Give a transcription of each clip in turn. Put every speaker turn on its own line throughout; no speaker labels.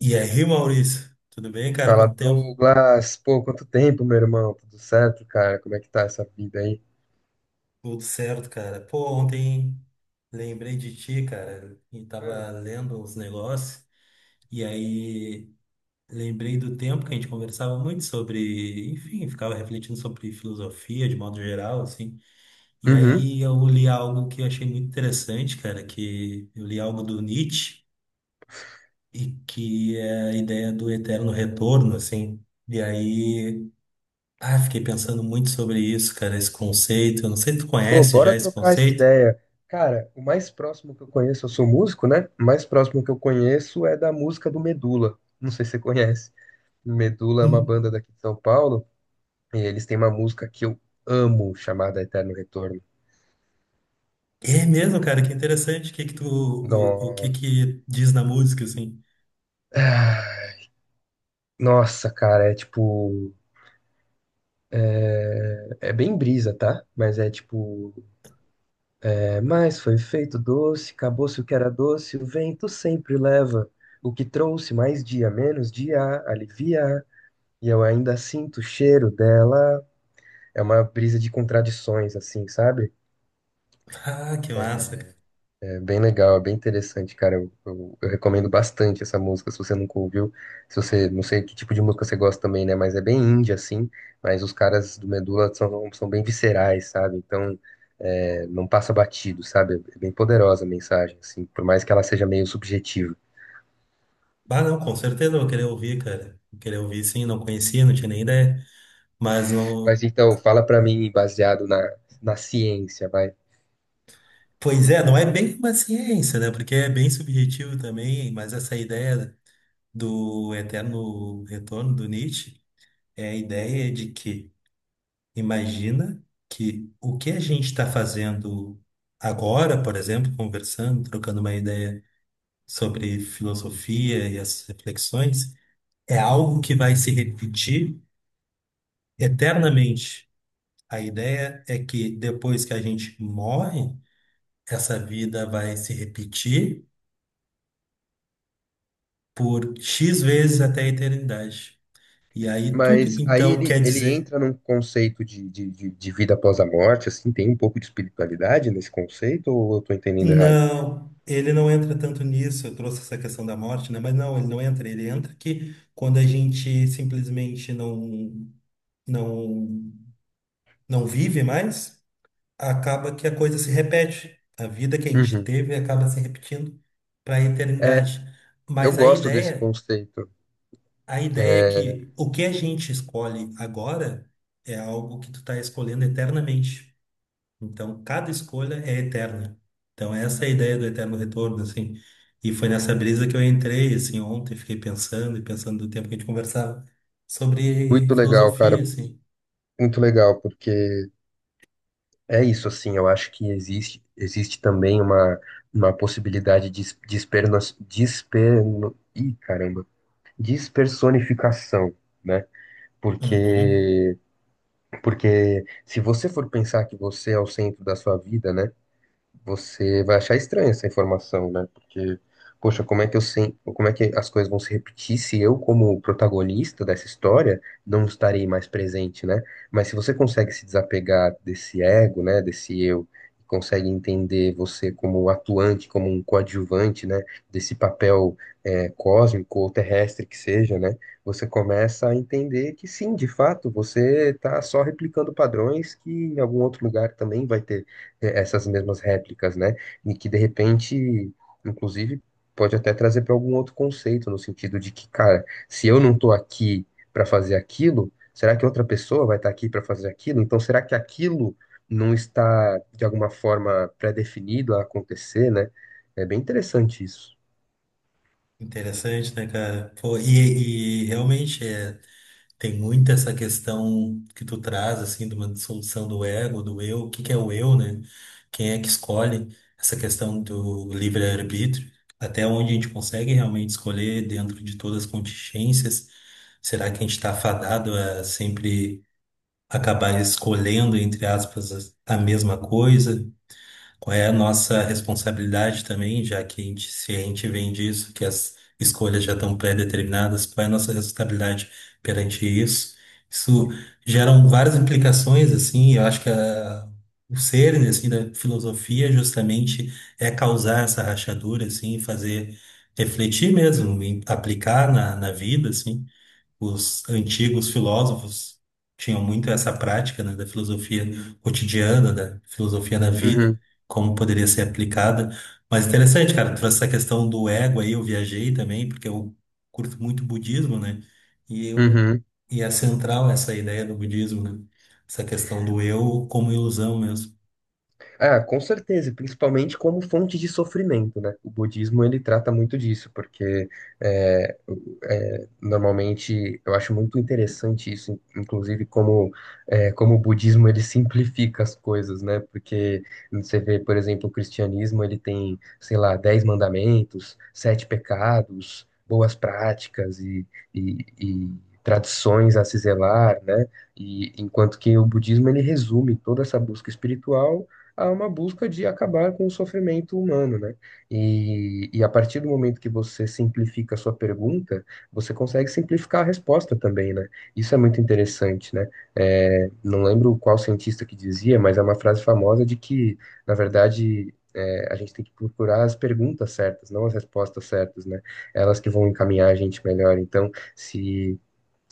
E aí, Maurício? Tudo bem, cara?
Fala,
Quanto tempo?
Douglas. Pô, quanto tempo, meu irmão? Tudo certo, cara? Como é que tá essa vida aí?
Tudo certo, cara. Pô, ontem lembrei de ti, cara, e
Hum.
tava lendo uns negócios, e aí lembrei do tempo que a gente conversava muito sobre, enfim, ficava refletindo sobre filosofia de modo geral, assim. E
Uhum.
aí eu li algo que eu achei muito interessante, cara, que eu li algo do Nietzsche, e que é a ideia do eterno retorno, assim. E aí. Ah, fiquei pensando muito sobre isso, cara, esse conceito. Eu não sei se tu
Pô,
conhece já
bora
esse
trocar essa
conceito.
ideia. Cara, o mais próximo que eu conheço, eu sou músico, né? O mais próximo que eu conheço é da música do Medula. Não sei se você conhece. Medula é uma
Hum.
banda daqui de São Paulo e eles têm uma música que eu amo, chamada Eterno Retorno.
É mesmo, cara, que interessante. O que
Nossa.
que diz na música, assim?
Ah, Nossa, cara, é tipo. É bem brisa, tá? Mas é tipo. Mas foi feito doce, acabou-se o que era doce, o vento sempre leva. O que trouxe mais dia, menos dia, alivia. E eu ainda sinto o cheiro dela. É uma brisa de contradições, assim, sabe?
Ah, que massa, cara.
É bem legal, é bem interessante, cara. Eu recomendo bastante essa música, se você nunca ouviu. Se você, não sei que tipo de música você gosta também, né? Mas é bem indie, assim. Mas os caras do Medula são bem viscerais, sabe? Então, não passa batido, sabe? É bem poderosa a mensagem, assim, por mais que ela seja meio subjetiva.
Ah, não, com certeza eu vou querer ouvir, cara. Vou querer ouvir, sim, não conhecia, não tinha nem ideia. Mas
Mas
não.
então, fala pra mim, baseado na ciência, vai.
Pois é, não é bem uma ciência, né? Porque é bem subjetivo também, mas essa ideia do eterno retorno do Nietzsche é a ideia de que imagina que o que a gente está fazendo agora, por exemplo, conversando, trocando uma ideia sobre filosofia e as reflexões, é algo que vai se repetir eternamente. A ideia é que depois que a gente morre, essa vida vai se repetir por X vezes até a eternidade. E aí tudo,
Mas aí
então,
ele,
quer
ele
dizer.
entra num conceito de vida após a morte, assim, tem um pouco de espiritualidade nesse conceito, ou eu tô entendendo errado?
Não, ele não entra tanto nisso. Eu trouxe essa questão da morte, né? Mas não, ele não entra. Ele entra que quando a gente simplesmente não não vive mais, acaba que a coisa se repete. A vida que a gente
Uhum.
teve acaba se repetindo para a
É,
eternidade.
eu
Mas
gosto desse conceito.
a ideia é
É
que o que a gente escolhe agora é algo que tu está escolhendo eternamente. Então, cada escolha é eterna. Então, essa é a ideia do eterno retorno, assim. E foi nessa brisa que eu entrei, assim, ontem, fiquei pensando e pensando do tempo que a gente conversava sobre
muito legal,
filosofia,
cara.
assim.
Muito legal, porque é isso, assim. Eu acho que existe, existe também uma possibilidade de esperno, desperno, ih, caramba, despersonificação, né?
Uhum.
Porque, porque se você for pensar que você é o centro da sua vida, né? Você vai achar estranha essa informação, né? Porque, poxa, como é que eu sei, como é que as coisas vão se repetir se eu, como protagonista dessa história, não estarei mais presente, né? Mas se você consegue se desapegar desse ego, né, desse eu, consegue entender você como atuante, como um coadjuvante, né, desse papel cósmico ou terrestre que seja, né, você começa a entender que sim, de fato, você está só replicando padrões que em algum outro lugar também vai ter essas mesmas réplicas, né? E que de repente, inclusive, pode até trazer para algum outro conceito, no sentido de que, cara, se eu não tô aqui para fazer aquilo, será que outra pessoa vai estar aqui para fazer aquilo? Então, será que aquilo não está de alguma forma pré-definido a acontecer, né? É bem interessante isso.
Interessante, né, cara? Pô, e realmente é. Tem muito essa questão que tu traz, assim, de uma dissolução do ego, do eu, o que que é o eu, né? Quem é que escolhe essa questão do livre-arbítrio? Até onde a gente consegue realmente escolher dentro de todas as contingências? Será que a gente está fadado a sempre acabar escolhendo, entre aspas, a mesma coisa? Qual é a nossa responsabilidade também, já que a gente, se a gente vem disso, que as escolhas já estão pré-determinadas, qual é a nossa responsabilidade perante isso? Isso geram várias implicações, assim, eu acho que o cerne, assim, da filosofia justamente é causar essa rachadura, assim, fazer refletir mesmo, e aplicar na vida, assim, os antigos filósofos tinham muito essa prática, né, da filosofia cotidiana, da filosofia da vida,
Uhum,
como poderia ser aplicada. Mas interessante, cara, tu trouxe essa questão do ego aí, eu viajei também, porque eu curto muito budismo, né? E eu
uhum.
e é central essa ideia do budismo, né? Essa questão do eu como ilusão mesmo.
Ah, com certeza, principalmente como fonte de sofrimento, né? O budismo ele trata muito disso, porque normalmente eu acho muito interessante isso, inclusive como como o budismo ele simplifica as coisas, né? Porque você vê, por exemplo, o cristianismo ele tem, sei lá, dez mandamentos, sete pecados, boas práticas e tradições a se zelar, né? E enquanto que o budismo ele resume toda essa busca espiritual a uma busca de acabar com o sofrimento humano, né? E a partir do momento que você simplifica a sua pergunta, você consegue simplificar a resposta também, né? Isso é muito interessante, né? É, não lembro qual cientista que dizia, mas é uma frase famosa de que, na verdade, a gente tem que procurar as perguntas certas, não as respostas certas, né? Elas que vão encaminhar a gente melhor. Então, se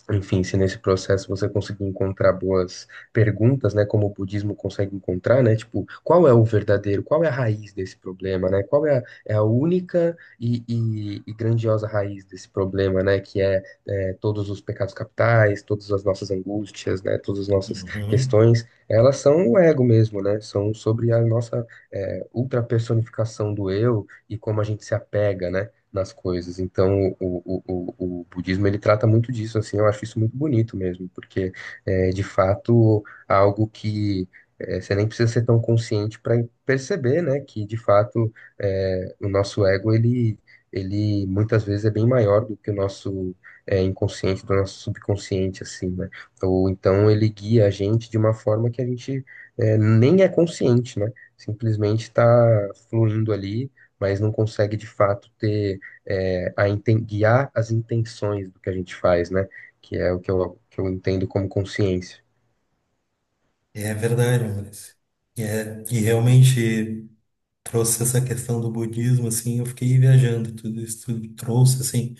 enfim, se nesse processo você conseguir encontrar boas perguntas, né, como o budismo consegue encontrar, né, tipo, qual é o verdadeiro, qual é a raiz desse problema, né, qual é a única e grandiosa raiz desse problema, né, que todos os pecados capitais, todas as nossas angústias, né, todas as nossas
Uhum.
questões, elas são o ego mesmo, né, são sobre a nossa ultrapersonificação do eu e como a gente se apega, né, nas coisas. Então, o budismo ele trata muito disso, assim, eu acho isso muito bonito mesmo, porque é de fato algo que você nem precisa ser tão consciente para perceber, né, que de fato o nosso ego ele muitas vezes é bem maior do que o nosso inconsciente, do nosso subconsciente, assim, né? Ou então ele guia a gente de uma forma que a gente nem é consciente, né? Simplesmente está fluindo ali, mas não consegue de fato ter guiar as intenções do que a gente faz, né? Que é o que eu entendo como consciência.
É verdade, Maurício. E realmente, trouxe essa questão do budismo, assim, eu fiquei viajando, tudo isso tudo trouxe, assim,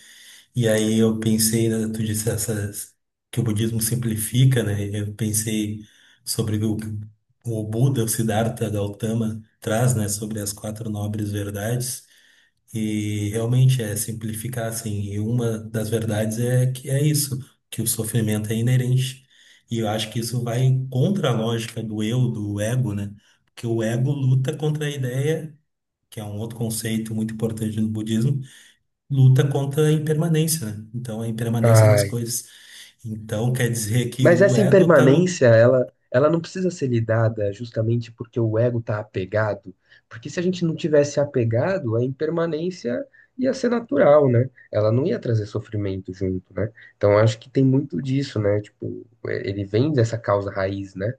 e aí eu pensei, né, tu disse essas, que o budismo simplifica, né, eu pensei sobre o Buda, o Siddhartha Gautama traz, né, sobre as quatro nobres verdades, e realmente é simplificar, assim, e uma das verdades é que é isso, que o sofrimento é inerente, e eu acho que isso vai contra a lógica do eu, do ego, né, porque o ego luta contra a ideia que é um outro conceito muito importante no budismo, luta contra a impermanência, né? Então, a impermanência das
Ai.
coisas. Então, quer dizer que
Mas
o
essa
ego está lu...
impermanência, ela não precisa ser lidada justamente porque o ego está apegado. Porque se a gente não tivesse apegado, a impermanência ia ser natural, né? Ela não ia trazer sofrimento junto, né? Então eu acho que tem muito disso, né? Tipo, ele vem dessa causa raiz, né?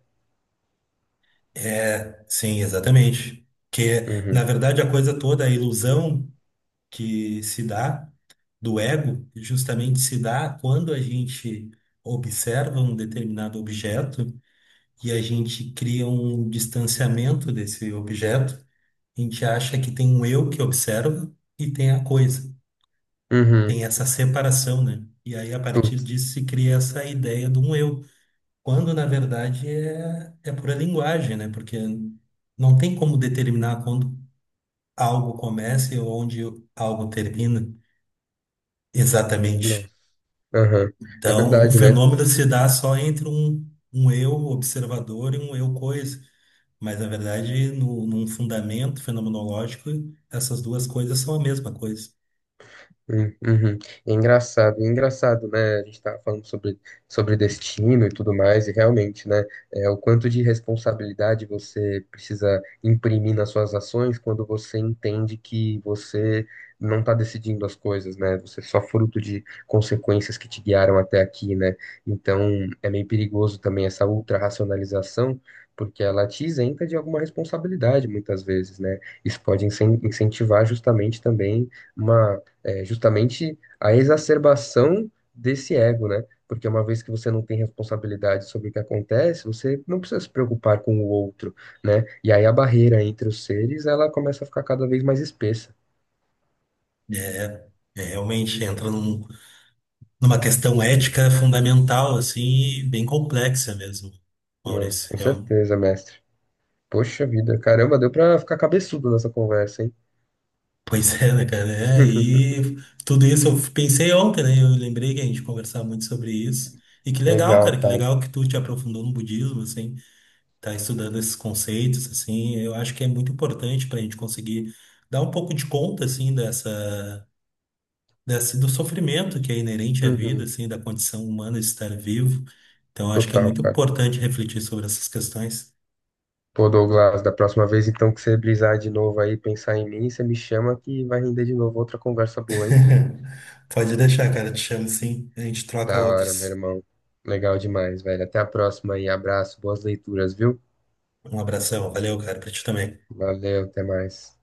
É, sim, exatamente. Que, na
Uhum.
verdade, a coisa toda, a ilusão que se dá do ego, justamente se dá quando a gente observa um determinado objeto e a gente cria um distanciamento desse objeto. A gente acha que tem um eu que observa e tem a coisa.
Uhum.
Tem essa separação, né? E aí, a partir
Putz.
disso, se cria essa ideia de um eu, quando na verdade é pura linguagem, né? Porque não tem como determinar quando algo começa ou onde algo termina
Nossa.
exatamente.
Aham. É
Então, o
verdade, né?
fenômeno se dá só entre um eu observador e um eu coisa. Mas, na verdade, no, num fundamento fenomenológico, essas duas coisas são a mesma coisa.
Uhum. É engraçado, né? A gente tá falando sobre destino e tudo mais, e realmente, né? É, o quanto de responsabilidade você precisa imprimir nas suas ações quando você entende que você não está decidindo as coisas, né? Você é só fruto de consequências que te guiaram até aqui, né? Então, é meio perigoso também essa ultra-racionalização, porque ela te isenta de alguma responsabilidade muitas vezes, né? Isso pode incentivar justamente também uma justamente a exacerbação desse ego, né? Porque uma vez que você não tem responsabilidade sobre o que acontece, você não precisa se preocupar com o outro, né? E aí a barreira entre os seres, ela começa a ficar cada vez mais espessa.
É, é realmente entra numa questão ética fundamental, assim, e bem complexa mesmo,
Não,
Maurício.
com
É um-
certeza, mestre. Poxa vida, caramba, deu pra ficar cabeçudo nessa conversa, hein?
Pois é, né, cara? É, e tudo isso eu pensei ontem, né? Eu lembrei que a gente conversava muito sobre isso. E que legal,
Legal,
cara, que
cara.
legal que tu te aprofundou no budismo, assim, tá estudando esses conceitos, assim. Eu acho que é muito importante pra gente conseguir dar um pouco de conta, assim, dessa, do sofrimento que é inerente à vida,
Uhum.
assim, da condição humana de estar vivo. Então, eu acho que é
Total,
muito
cara.
importante refletir sobre essas questões.
Pô, Douglas, da próxima vez então que você brisar de novo aí, pensar em mim, você me chama que vai render de novo outra conversa boa, hein?
Pode deixar, cara. Te chamo sim. A gente troca
Da hora, meu
outros.
irmão. Legal demais, velho. Até a próxima aí. Abraço, boas leituras, viu?
Um abração. Valeu, cara, pra ti também.
Valeu, até mais.